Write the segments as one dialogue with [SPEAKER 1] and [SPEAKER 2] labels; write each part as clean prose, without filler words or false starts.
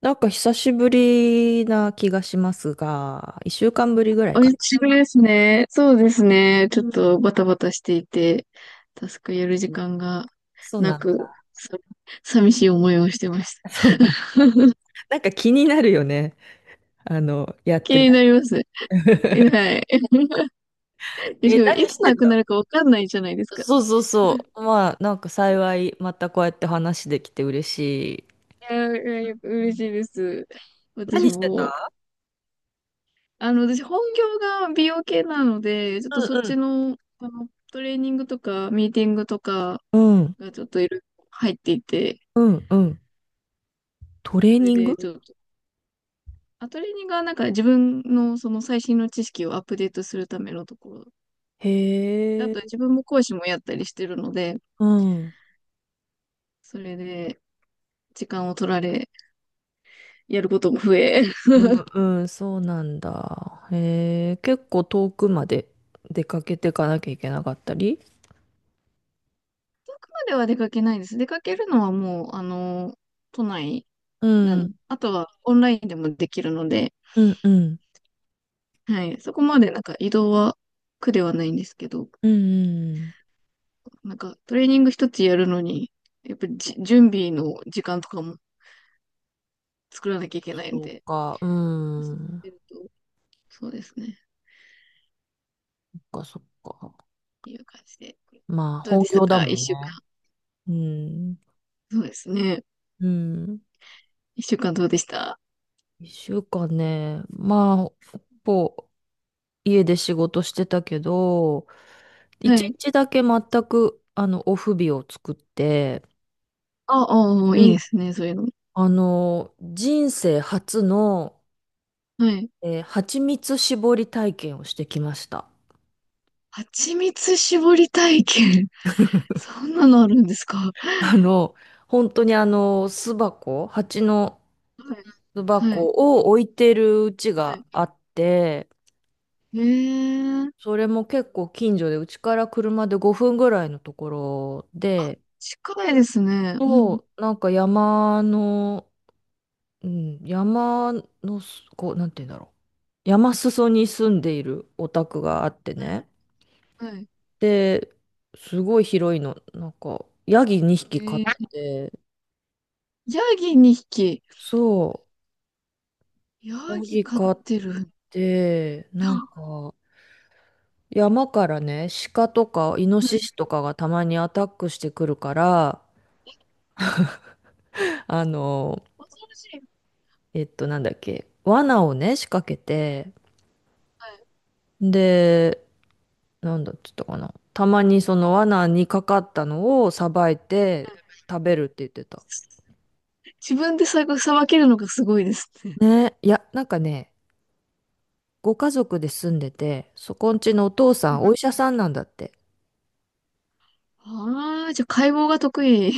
[SPEAKER 1] なんか久しぶりな気がしますが、一週間ぶりぐらい
[SPEAKER 2] お
[SPEAKER 1] かな。
[SPEAKER 2] 一緒ですね。そうですね。
[SPEAKER 1] う
[SPEAKER 2] ちょっ
[SPEAKER 1] ん。
[SPEAKER 2] とバタバタしていて、タスクやる時間が
[SPEAKER 1] そう
[SPEAKER 2] な
[SPEAKER 1] なん
[SPEAKER 2] く、
[SPEAKER 1] だ。
[SPEAKER 2] 寂しい思いをしてまし
[SPEAKER 1] そう。なんか気になるよね。
[SPEAKER 2] た。
[SPEAKER 1] やっ
[SPEAKER 2] 気
[SPEAKER 1] て
[SPEAKER 2] に
[SPEAKER 1] な
[SPEAKER 2] な
[SPEAKER 1] い。
[SPEAKER 2] ります。はい。し
[SPEAKER 1] え、
[SPEAKER 2] かも、い
[SPEAKER 1] 何し
[SPEAKER 2] つ
[SPEAKER 1] て
[SPEAKER 2] なくな
[SPEAKER 1] た？
[SPEAKER 2] るかわかんないじゃないですか。い
[SPEAKER 1] そうそうそう。まあ、なんか幸い、またこうやって話できて嬉し
[SPEAKER 2] や、いやいや
[SPEAKER 1] い。う
[SPEAKER 2] 嬉し
[SPEAKER 1] ん。
[SPEAKER 2] いです。私
[SPEAKER 1] 何して
[SPEAKER 2] も、
[SPEAKER 1] た？
[SPEAKER 2] 私本業が美容系なので、ちょっ
[SPEAKER 1] う
[SPEAKER 2] とそっち
[SPEAKER 1] ん
[SPEAKER 2] の、トレーニングとか、ミーティングとか
[SPEAKER 1] うん。うん
[SPEAKER 2] がちょっといろいろ入っていて、
[SPEAKER 1] うんうん。トレー
[SPEAKER 2] それ
[SPEAKER 1] ニング。
[SPEAKER 2] でちょっとアトリエがなんか自分のその最新の知識をアップデートするためのところ。で
[SPEAKER 1] へ
[SPEAKER 2] あと
[SPEAKER 1] え。
[SPEAKER 2] 自分も講師もやったりしてるので、
[SPEAKER 1] うん。
[SPEAKER 2] それで時間を取られ、やることも増え。
[SPEAKER 1] うんうん、そうなんだ。へえ、結構遠くまで出かけていかなきゃいけなかったり？
[SPEAKER 2] までは出かけないです。出かけるのはもう、都内
[SPEAKER 1] う
[SPEAKER 2] なん、
[SPEAKER 1] ん、
[SPEAKER 2] あとはオンラインでもできるので、
[SPEAKER 1] うん、うん、
[SPEAKER 2] はい、そこまでなんか移動は苦ではないんですけど、
[SPEAKER 1] うん。
[SPEAKER 2] なんかトレーニング一つやるのに、やっぱり準備の時間とかも作らなきゃいけないん
[SPEAKER 1] そう
[SPEAKER 2] で、
[SPEAKER 1] か、う
[SPEAKER 2] そう
[SPEAKER 1] ん。
[SPEAKER 2] するとそうですね。
[SPEAKER 1] そっか、そっか。
[SPEAKER 2] ていう感じで。
[SPEAKER 1] まあ、
[SPEAKER 2] どうで
[SPEAKER 1] 本
[SPEAKER 2] した
[SPEAKER 1] 業だ
[SPEAKER 2] か、
[SPEAKER 1] も
[SPEAKER 2] 一
[SPEAKER 1] ん
[SPEAKER 2] 週間？
[SPEAKER 1] ね。うん。
[SPEAKER 2] そうですね。
[SPEAKER 1] うん。
[SPEAKER 2] 一週間どうでした？
[SPEAKER 1] 一週間ね、まあ、ほぼ家で仕事してたけど、
[SPEAKER 2] は
[SPEAKER 1] 一
[SPEAKER 2] い。
[SPEAKER 1] 日だけ全く、オフ日を作って、
[SPEAKER 2] あ、ああ、
[SPEAKER 1] う
[SPEAKER 2] いい
[SPEAKER 1] ん。
[SPEAKER 2] ですね、そういうの。
[SPEAKER 1] 人生初の、
[SPEAKER 2] はい。
[SPEAKER 1] 蜂蜜搾り体験をしてきました。
[SPEAKER 2] 蜂蜜絞り体験。そんなのあるんですか？ はい。
[SPEAKER 1] あの、本当に巣箱、蜂の巣
[SPEAKER 2] は
[SPEAKER 1] 箱
[SPEAKER 2] い。
[SPEAKER 1] を置いてるうち
[SPEAKER 2] は
[SPEAKER 1] が
[SPEAKER 2] い。
[SPEAKER 1] あって、
[SPEAKER 2] ええ、
[SPEAKER 1] それも結構近所で、うちから車で5分ぐらいのところで、
[SPEAKER 2] 近いですね。う
[SPEAKER 1] そ
[SPEAKER 2] ん。
[SPEAKER 1] う、なんか山の、うん、山のす、こう、なんて言うんだろう。山裾に住んでいるお宅があってね。
[SPEAKER 2] はい。はい。
[SPEAKER 1] で、すごい広いの。なんか、ヤギ2匹飼っ
[SPEAKER 2] え
[SPEAKER 1] て
[SPEAKER 2] え、
[SPEAKER 1] て、
[SPEAKER 2] ヤギ2匹。
[SPEAKER 1] そう、
[SPEAKER 2] ヤギ
[SPEAKER 1] ヤギ
[SPEAKER 2] 飼っ
[SPEAKER 1] 飼っ
[SPEAKER 2] てる。
[SPEAKER 1] て、なん
[SPEAKER 2] あ、
[SPEAKER 1] か、山からね、鹿とかイノ
[SPEAKER 2] は
[SPEAKER 1] シシ
[SPEAKER 2] い。
[SPEAKER 1] とかがたまにアタックしてくるから、あの、
[SPEAKER 2] 恐ろしい。
[SPEAKER 1] なんだっけ、罠をね、仕掛けて、
[SPEAKER 2] はい。
[SPEAKER 1] で、なんだっつったかな。たまにその罠にかかったのをさばい
[SPEAKER 2] は
[SPEAKER 1] て
[SPEAKER 2] い。
[SPEAKER 1] 食べるって言ってた。
[SPEAKER 2] 自分でさばけるのがすごいですね。
[SPEAKER 1] ね、いや、なんかね、ご家族で住んでて、そこんちのお父さ
[SPEAKER 2] はい。
[SPEAKER 1] ん、お医者さんなんだって。
[SPEAKER 2] ああ、じゃあ解剖が得意。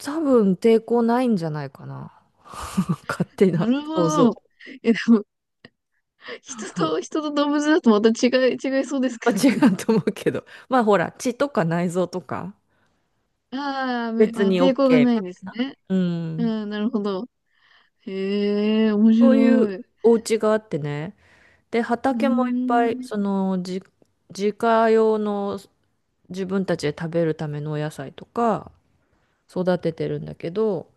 [SPEAKER 1] 多分抵抗ないんじゃないかな。勝手
[SPEAKER 2] な
[SPEAKER 1] な。
[SPEAKER 2] る
[SPEAKER 1] そう
[SPEAKER 2] ほ
[SPEAKER 1] そ
[SPEAKER 2] ど。え、でも、人
[SPEAKER 1] う。
[SPEAKER 2] と、人と動物だとまた違いそうです
[SPEAKER 1] ま
[SPEAKER 2] けど
[SPEAKER 1] あ違
[SPEAKER 2] ね。
[SPEAKER 1] うと思うけど。まあほら、血とか内臓とか、
[SPEAKER 2] あーめ
[SPEAKER 1] 別
[SPEAKER 2] まあ、
[SPEAKER 1] に OK
[SPEAKER 2] 抵
[SPEAKER 1] み
[SPEAKER 2] 抗
[SPEAKER 1] た
[SPEAKER 2] が
[SPEAKER 1] い
[SPEAKER 2] ないんです
[SPEAKER 1] な。
[SPEAKER 2] ね。
[SPEAKER 1] うん。
[SPEAKER 2] うん、なるほど。へえ、面
[SPEAKER 1] そういう
[SPEAKER 2] 白い。う
[SPEAKER 1] お家があってね。で、
[SPEAKER 2] ー
[SPEAKER 1] 畑もいっぱい、
[SPEAKER 2] ん、
[SPEAKER 1] その、自家用の自分たちで食べるためのお野菜とか育ててるんだけど、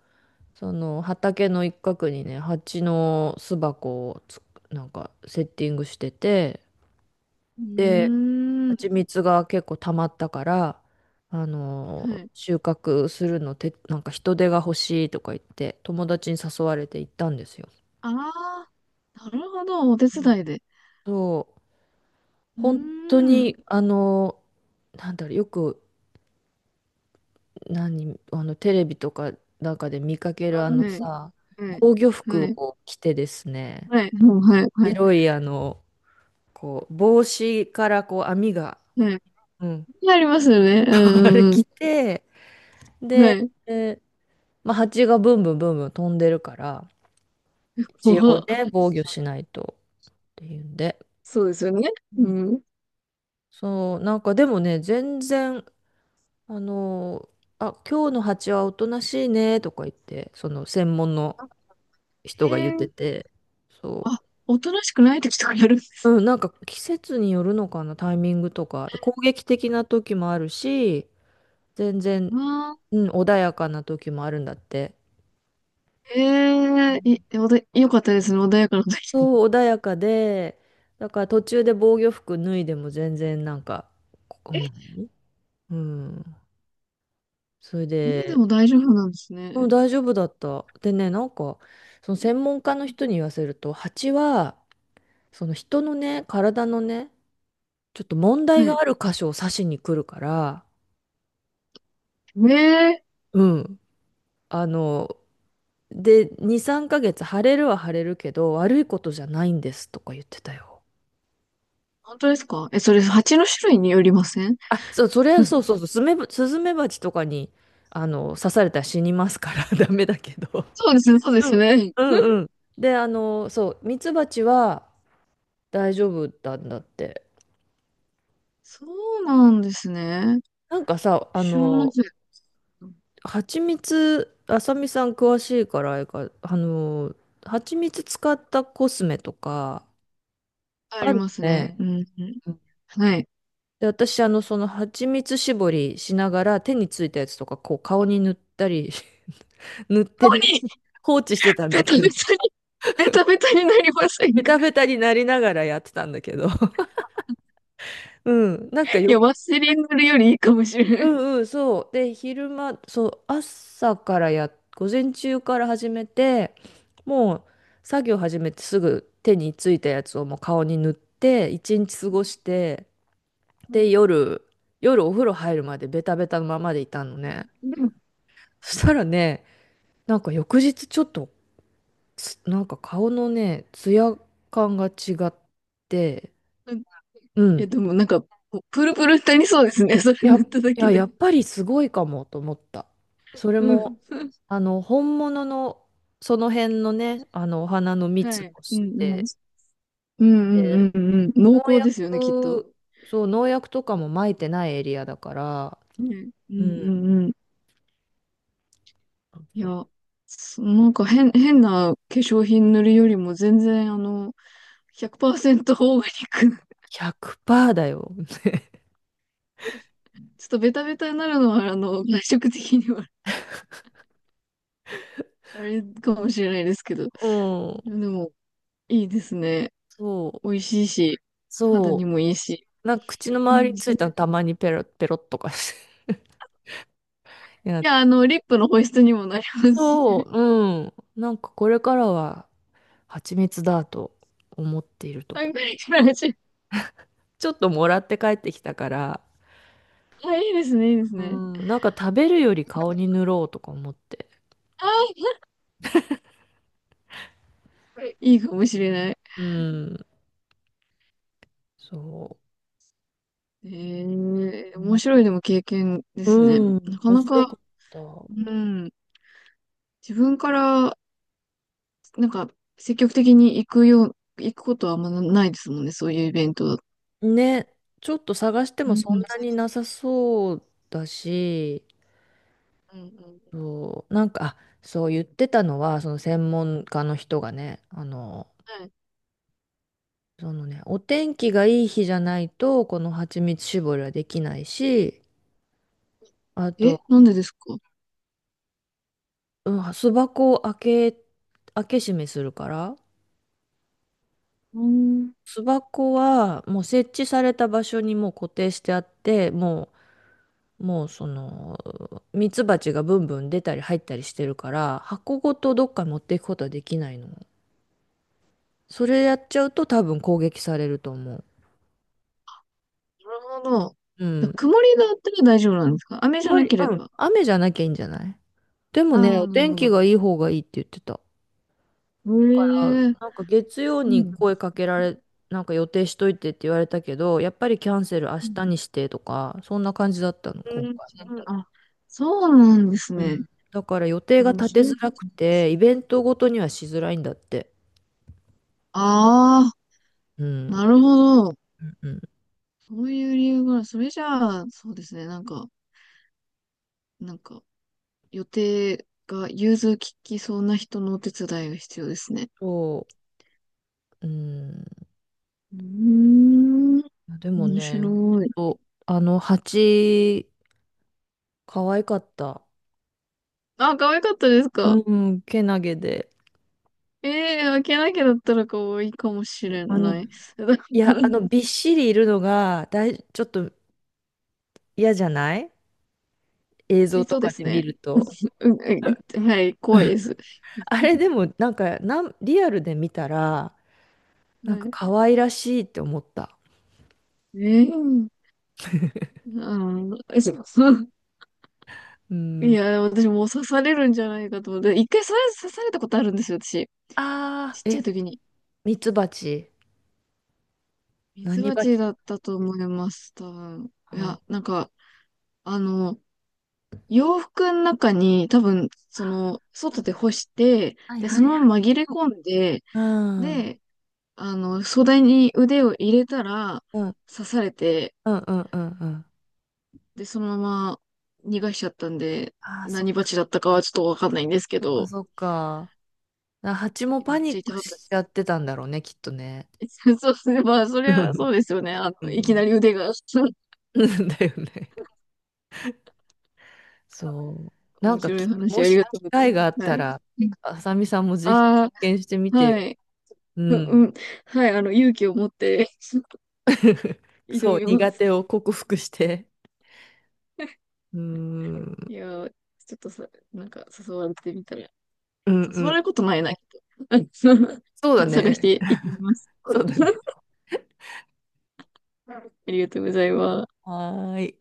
[SPEAKER 1] その畑の一角にね、蜂の巣箱をなんかセッティングしてて、
[SPEAKER 2] う
[SPEAKER 1] で、
[SPEAKER 2] ーん、
[SPEAKER 1] 蜂蜜が結構溜まったから、
[SPEAKER 2] はい。
[SPEAKER 1] 収穫するのて、なんか人手が欲しいとか言って、友達に誘われて行ったんですよ。
[SPEAKER 2] ああ、なるほど、お手伝いで。
[SPEAKER 1] そう、
[SPEAKER 2] うー
[SPEAKER 1] 本当
[SPEAKER 2] ん、
[SPEAKER 1] に、なんだろう、よく、テレビとかなんかで見かけ
[SPEAKER 2] あ、
[SPEAKER 1] る
[SPEAKER 2] は
[SPEAKER 1] あの
[SPEAKER 2] い、
[SPEAKER 1] さ、
[SPEAKER 2] はい、
[SPEAKER 1] 防御
[SPEAKER 2] は
[SPEAKER 1] 服
[SPEAKER 2] い、
[SPEAKER 1] を着てですね、
[SPEAKER 2] はい、もう、はい、はい、
[SPEAKER 1] 白い、こう、帽子からこう、網が、
[SPEAKER 2] はい。
[SPEAKER 1] うん、
[SPEAKER 2] ありますよね。う
[SPEAKER 1] あれ
[SPEAKER 2] ん、うん、
[SPEAKER 1] 着
[SPEAKER 2] う
[SPEAKER 1] て、
[SPEAKER 2] ん、は
[SPEAKER 1] で、
[SPEAKER 2] い。
[SPEAKER 1] えまあ、蜂がブンブンブンブン飛んでるから、
[SPEAKER 2] お
[SPEAKER 1] 一応
[SPEAKER 2] は、
[SPEAKER 1] ね、防御しないとっていうんで。
[SPEAKER 2] そうですよね。うん。
[SPEAKER 1] そう、なんかでもね、全然、あのあ、今日の蜂はおとなしいねとか言って、その専門の
[SPEAKER 2] あ、
[SPEAKER 1] 人
[SPEAKER 2] へ
[SPEAKER 1] が言っ
[SPEAKER 2] え、
[SPEAKER 1] てて、そ
[SPEAKER 2] あ、おとなしくない時とかやるんです
[SPEAKER 1] う、うん、なんか季節によるのかな、タイミングとか、攻撃的な時もあるし、全
[SPEAKER 2] ね。
[SPEAKER 1] 然、
[SPEAKER 2] ああ、
[SPEAKER 1] うん、穏やかな時もあるんだって。
[SPEAKER 2] ええ、い、おで、よかったですね。穏やかな時。
[SPEAKER 1] そう、穏やかで、だから途中で防御服脱いでも全然なんか、こう、
[SPEAKER 2] え、
[SPEAKER 1] 何。うん。それ
[SPEAKER 2] ないで
[SPEAKER 1] で、
[SPEAKER 2] も大丈夫なんです
[SPEAKER 1] も、うん、
[SPEAKER 2] ね。
[SPEAKER 1] 大丈夫だった。でね、なんか、その専門家の人に言わせると、蜂は、その人のね、体のね、ちょっと問
[SPEAKER 2] は
[SPEAKER 1] 題が
[SPEAKER 2] い。
[SPEAKER 1] ある箇所を刺しに来るから、
[SPEAKER 2] ええ、
[SPEAKER 1] うん。あの、で、2、3ヶ月腫れるは腫れるけど、悪いことじゃないんですとか言ってたよ。
[SPEAKER 2] 本当ですか？それ、蜂の種類によりません？
[SPEAKER 1] あ、そう、それはそう そうそう、スズメバチとかに、刺されたら死にますから ダメだけど。
[SPEAKER 2] そうですね、そうで
[SPEAKER 1] う
[SPEAKER 2] す
[SPEAKER 1] ん
[SPEAKER 2] ね。
[SPEAKER 1] うん うん。で、そう、ミツバチは、大丈夫だんだって。
[SPEAKER 2] そうなんですね。
[SPEAKER 1] なんかさ、
[SPEAKER 2] 知らなかった。
[SPEAKER 1] 蜂蜜、あさみさん詳しいからあれか、蜂蜜使ったコスメとか、
[SPEAKER 2] あ
[SPEAKER 1] あ
[SPEAKER 2] り
[SPEAKER 1] る
[SPEAKER 2] ますね。
[SPEAKER 1] ね。
[SPEAKER 2] うん、うん。
[SPEAKER 1] うん。
[SPEAKER 2] はい。
[SPEAKER 1] で、私、その蜂蜜絞りしながら手についたやつとか、こう、顔に塗ったり 塗って
[SPEAKER 2] 顔
[SPEAKER 1] ね、
[SPEAKER 2] に、
[SPEAKER 1] 放置してたんだ
[SPEAKER 2] ベタベ
[SPEAKER 1] けど、
[SPEAKER 2] タに、ベタベタになりません
[SPEAKER 1] ベ
[SPEAKER 2] か？
[SPEAKER 1] タベタになりながらやってたんだけど、うん、なんか
[SPEAKER 2] いや、
[SPEAKER 1] よ。
[SPEAKER 2] ワセリン塗るよりいいかもしれな
[SPEAKER 1] う
[SPEAKER 2] い。
[SPEAKER 1] んうん、そう。で、昼間、そう、朝から午前中から始めて、もう作業始めてすぐ手についたやつをもう顔に塗って、一日過ごして、
[SPEAKER 2] は
[SPEAKER 1] で、
[SPEAKER 2] い。
[SPEAKER 1] 夜、夜お風呂入るまでベタベタのままでいたの
[SPEAKER 2] は
[SPEAKER 1] ね。
[SPEAKER 2] い。でも、
[SPEAKER 1] そしたらね、なんか翌日ちょっと、なんか顔のね、ツヤ感が違って、う
[SPEAKER 2] い
[SPEAKER 1] ん、
[SPEAKER 2] や、でもなんか、プルプルになりそうですね。それ塗
[SPEAKER 1] い
[SPEAKER 2] っただけ
[SPEAKER 1] や、や
[SPEAKER 2] で。
[SPEAKER 1] っぱりすごいかもと思った。それ
[SPEAKER 2] うん。
[SPEAKER 1] も、本物の、その辺のね、お花の
[SPEAKER 2] はい。
[SPEAKER 1] 蜜を
[SPEAKER 2] う
[SPEAKER 1] し
[SPEAKER 2] んうん。
[SPEAKER 1] て、
[SPEAKER 2] うんうん
[SPEAKER 1] で、
[SPEAKER 2] うんうん。
[SPEAKER 1] 農
[SPEAKER 2] 濃厚ですよね、きっと。
[SPEAKER 1] 薬、そう、農薬とかも撒いてないエリアだから、
[SPEAKER 2] ね。うん
[SPEAKER 1] う
[SPEAKER 2] う
[SPEAKER 1] ん、
[SPEAKER 2] んうん。いや、なんか、変な化粧品塗るよりも全然、100%オーガニックな。
[SPEAKER 1] 100%だよ。
[SPEAKER 2] ちょっとベタベタになるのは、外食的には あれかもしれないですけど。
[SPEAKER 1] うん、
[SPEAKER 2] でも、いいですね。
[SPEAKER 1] そ
[SPEAKER 2] 美味
[SPEAKER 1] う、
[SPEAKER 2] しいし、肌に
[SPEAKER 1] そ
[SPEAKER 2] もい
[SPEAKER 1] う。
[SPEAKER 2] いし。
[SPEAKER 1] なんか口の
[SPEAKER 2] う
[SPEAKER 1] 周
[SPEAKER 2] ん。
[SPEAKER 1] り
[SPEAKER 2] い
[SPEAKER 1] についたのたまにペロッペロっとかして やっ、
[SPEAKER 2] や、リップの保湿にもなりますし。
[SPEAKER 1] そう、うん。なんかこれからは蜂蜜だと思っているとこ
[SPEAKER 2] 3
[SPEAKER 1] ろ。
[SPEAKER 2] 回くらいし。
[SPEAKER 1] ちょっともらって帰ってきたから、
[SPEAKER 2] あ、いいですね、いいです
[SPEAKER 1] う
[SPEAKER 2] ね。
[SPEAKER 1] ん、なんか食べるより顔に塗ろうとか思って。
[SPEAKER 2] あー、いいかもしれない。
[SPEAKER 1] うん、そ
[SPEAKER 2] え
[SPEAKER 1] う。な
[SPEAKER 2] 面
[SPEAKER 1] んか、
[SPEAKER 2] 白い、でも経験ですね。
[SPEAKER 1] うん、
[SPEAKER 2] なか
[SPEAKER 1] 面
[SPEAKER 2] な
[SPEAKER 1] 白か
[SPEAKER 2] か、
[SPEAKER 1] った。
[SPEAKER 2] うん、自分から、なんか、積極的に、行くことはあんまないですもんね、そういうイベントだと。
[SPEAKER 1] ね、ちょっと探して
[SPEAKER 2] う
[SPEAKER 1] も
[SPEAKER 2] ん、
[SPEAKER 1] そ
[SPEAKER 2] う
[SPEAKER 1] ん
[SPEAKER 2] ん、
[SPEAKER 1] なになさそうだし、
[SPEAKER 2] うん。
[SPEAKER 1] そう、なんか、あ、そう言ってたのは、その専門家の人がね、
[SPEAKER 2] はい。
[SPEAKER 1] そのね、お天気がいい日じゃないと、この蜂蜜絞りはできないし、あと、
[SPEAKER 2] え、なんでですか？
[SPEAKER 1] うん、巣箱を開け閉めするから、
[SPEAKER 2] うん、なる
[SPEAKER 1] 巣箱はもう設置された場所にもう固定してあって、もうその、ミツバチがブンブン出たり入ったりしてるから、箱ごとどっか持っていくことはできないの。それやっちゃうと多分攻撃されると思う。
[SPEAKER 2] ほど。
[SPEAKER 1] うん。
[SPEAKER 2] 曇りだったら大丈夫なんですか？雨
[SPEAKER 1] あん
[SPEAKER 2] じゃ
[SPEAKER 1] ま
[SPEAKER 2] な
[SPEAKER 1] り、
[SPEAKER 2] けれ
[SPEAKER 1] うん。
[SPEAKER 2] ば。
[SPEAKER 1] 雨じゃなきゃいいんじゃない？でもね、
[SPEAKER 2] あ
[SPEAKER 1] お
[SPEAKER 2] あ、なる
[SPEAKER 1] 天
[SPEAKER 2] ほ
[SPEAKER 1] 気
[SPEAKER 2] ど。
[SPEAKER 1] がいい方がいいって言ってた。だから、
[SPEAKER 2] ええ、
[SPEAKER 1] なんか月
[SPEAKER 2] そ
[SPEAKER 1] 曜
[SPEAKER 2] う
[SPEAKER 1] に
[SPEAKER 2] なんで
[SPEAKER 1] 声か
[SPEAKER 2] す
[SPEAKER 1] けられ、なんか予定しといてって言われたけど、やっぱりキャンセル明
[SPEAKER 2] ね。
[SPEAKER 1] 日にしてとか、そんな感じだったの、
[SPEAKER 2] う
[SPEAKER 1] 今
[SPEAKER 2] ん、
[SPEAKER 1] 回。
[SPEAKER 2] あ、そうなんです
[SPEAKER 1] う
[SPEAKER 2] ね。
[SPEAKER 1] ん。だから予定が
[SPEAKER 2] うん、
[SPEAKER 1] 立て
[SPEAKER 2] それ、
[SPEAKER 1] づらくて、イベントごとにはしづらいんだって。
[SPEAKER 2] ああ、
[SPEAKER 1] うん。
[SPEAKER 2] なるほど。
[SPEAKER 1] うん、
[SPEAKER 2] そういう理由が、それじゃあ、そうですね。なんか、予定が融通ききそうな人のお手伝いが必要ですね。
[SPEAKER 1] そう。うん。
[SPEAKER 2] うーん、
[SPEAKER 1] でも
[SPEAKER 2] 面
[SPEAKER 1] ね、
[SPEAKER 2] 白い。
[SPEAKER 1] おあの蜂、可愛かった。
[SPEAKER 2] あ、可愛かったです
[SPEAKER 1] う
[SPEAKER 2] か？
[SPEAKER 1] ん、けなげで。
[SPEAKER 2] ええー、開けなきゃだったら可愛いかもしれ
[SPEAKER 1] あうの、
[SPEAKER 2] ない。
[SPEAKER 1] ん。いや、びっしりいるのが、ちょっと嫌じゃない？映像
[SPEAKER 2] 水
[SPEAKER 1] と
[SPEAKER 2] 槽で
[SPEAKER 1] か
[SPEAKER 2] す
[SPEAKER 1] で見
[SPEAKER 2] ね。
[SPEAKER 1] ると。
[SPEAKER 2] うん、うん、はい、怖いです。
[SPEAKER 1] あれでも、なんか、リアルで見たら、なん
[SPEAKER 2] は
[SPEAKER 1] か
[SPEAKER 2] い。
[SPEAKER 1] 可愛らしいって思った。
[SPEAKER 2] ええー、そう
[SPEAKER 1] う
[SPEAKER 2] い
[SPEAKER 1] ん。
[SPEAKER 2] や、私もう刺されるんじゃないかと思って、一回それ刺されたことあるんですよ、私。
[SPEAKER 1] あ
[SPEAKER 2] ち
[SPEAKER 1] あ、
[SPEAKER 2] っち
[SPEAKER 1] え、
[SPEAKER 2] ゃい時に。
[SPEAKER 1] ミツバチ。
[SPEAKER 2] ミツ
[SPEAKER 1] 何
[SPEAKER 2] バ
[SPEAKER 1] バ
[SPEAKER 2] チ
[SPEAKER 1] チ？
[SPEAKER 2] だったと思います、多分。いや、
[SPEAKER 1] あ、
[SPEAKER 2] なんか、あの、洋服の中に多分、外で干して、
[SPEAKER 1] はい
[SPEAKER 2] で、
[SPEAKER 1] は
[SPEAKER 2] そ
[SPEAKER 1] いは
[SPEAKER 2] のま
[SPEAKER 1] い。
[SPEAKER 2] ま紛れ込んで、
[SPEAKER 1] うん、うん、
[SPEAKER 2] で、袖に腕を入れたら、
[SPEAKER 1] うん、
[SPEAKER 2] 刺されて、
[SPEAKER 1] うん、うん、うん。
[SPEAKER 2] で、そのまま逃がしちゃったんで、
[SPEAKER 1] ああ、そっ
[SPEAKER 2] 何バ
[SPEAKER 1] か。
[SPEAKER 2] チだったかはちょっとわかんないんですけ
[SPEAKER 1] そっか、
[SPEAKER 2] ど、
[SPEAKER 1] そっか。あ、蜂も
[SPEAKER 2] め
[SPEAKER 1] パ
[SPEAKER 2] っ
[SPEAKER 1] ニ
[SPEAKER 2] ちゃ
[SPEAKER 1] ッ
[SPEAKER 2] 痛
[SPEAKER 1] ク
[SPEAKER 2] かったで
[SPEAKER 1] しち
[SPEAKER 2] す。
[SPEAKER 1] ゃってたんだろうね、きっとね。
[SPEAKER 2] そうですね。まあ、そり
[SPEAKER 1] う
[SPEAKER 2] ゃそ
[SPEAKER 1] ん
[SPEAKER 2] うですよね。
[SPEAKER 1] う
[SPEAKER 2] いきな
[SPEAKER 1] ん。
[SPEAKER 2] り腕が。
[SPEAKER 1] うん、だよね。そ う。なん
[SPEAKER 2] 面
[SPEAKER 1] か
[SPEAKER 2] 白い話、
[SPEAKER 1] も
[SPEAKER 2] ありが
[SPEAKER 1] し
[SPEAKER 2] とう
[SPEAKER 1] 機
[SPEAKER 2] ござい
[SPEAKER 1] 会があっ
[SPEAKER 2] ます。
[SPEAKER 1] た
[SPEAKER 2] はい。
[SPEAKER 1] ら、あさみさんもぜひ実
[SPEAKER 2] あ
[SPEAKER 1] 験してみ
[SPEAKER 2] あ、
[SPEAKER 1] て
[SPEAKER 2] は
[SPEAKER 1] よ。
[SPEAKER 2] い。
[SPEAKER 1] う
[SPEAKER 2] う、う
[SPEAKER 1] ん。
[SPEAKER 2] ん。はい。勇気を持って 挑
[SPEAKER 1] そう、
[SPEAKER 2] みま
[SPEAKER 1] 苦手
[SPEAKER 2] す。
[SPEAKER 1] を克服して。うーん。
[SPEAKER 2] いやー、ちょっとさ、なんか誘われてみたら、
[SPEAKER 1] うんう
[SPEAKER 2] 誘わ
[SPEAKER 1] ん。
[SPEAKER 2] れることないな、きっと。
[SPEAKER 1] そうだ
[SPEAKER 2] 探して
[SPEAKER 1] ね。
[SPEAKER 2] いってみま す。
[SPEAKER 1] そうだね。
[SPEAKER 2] ありがとうございます。
[SPEAKER 1] はーい。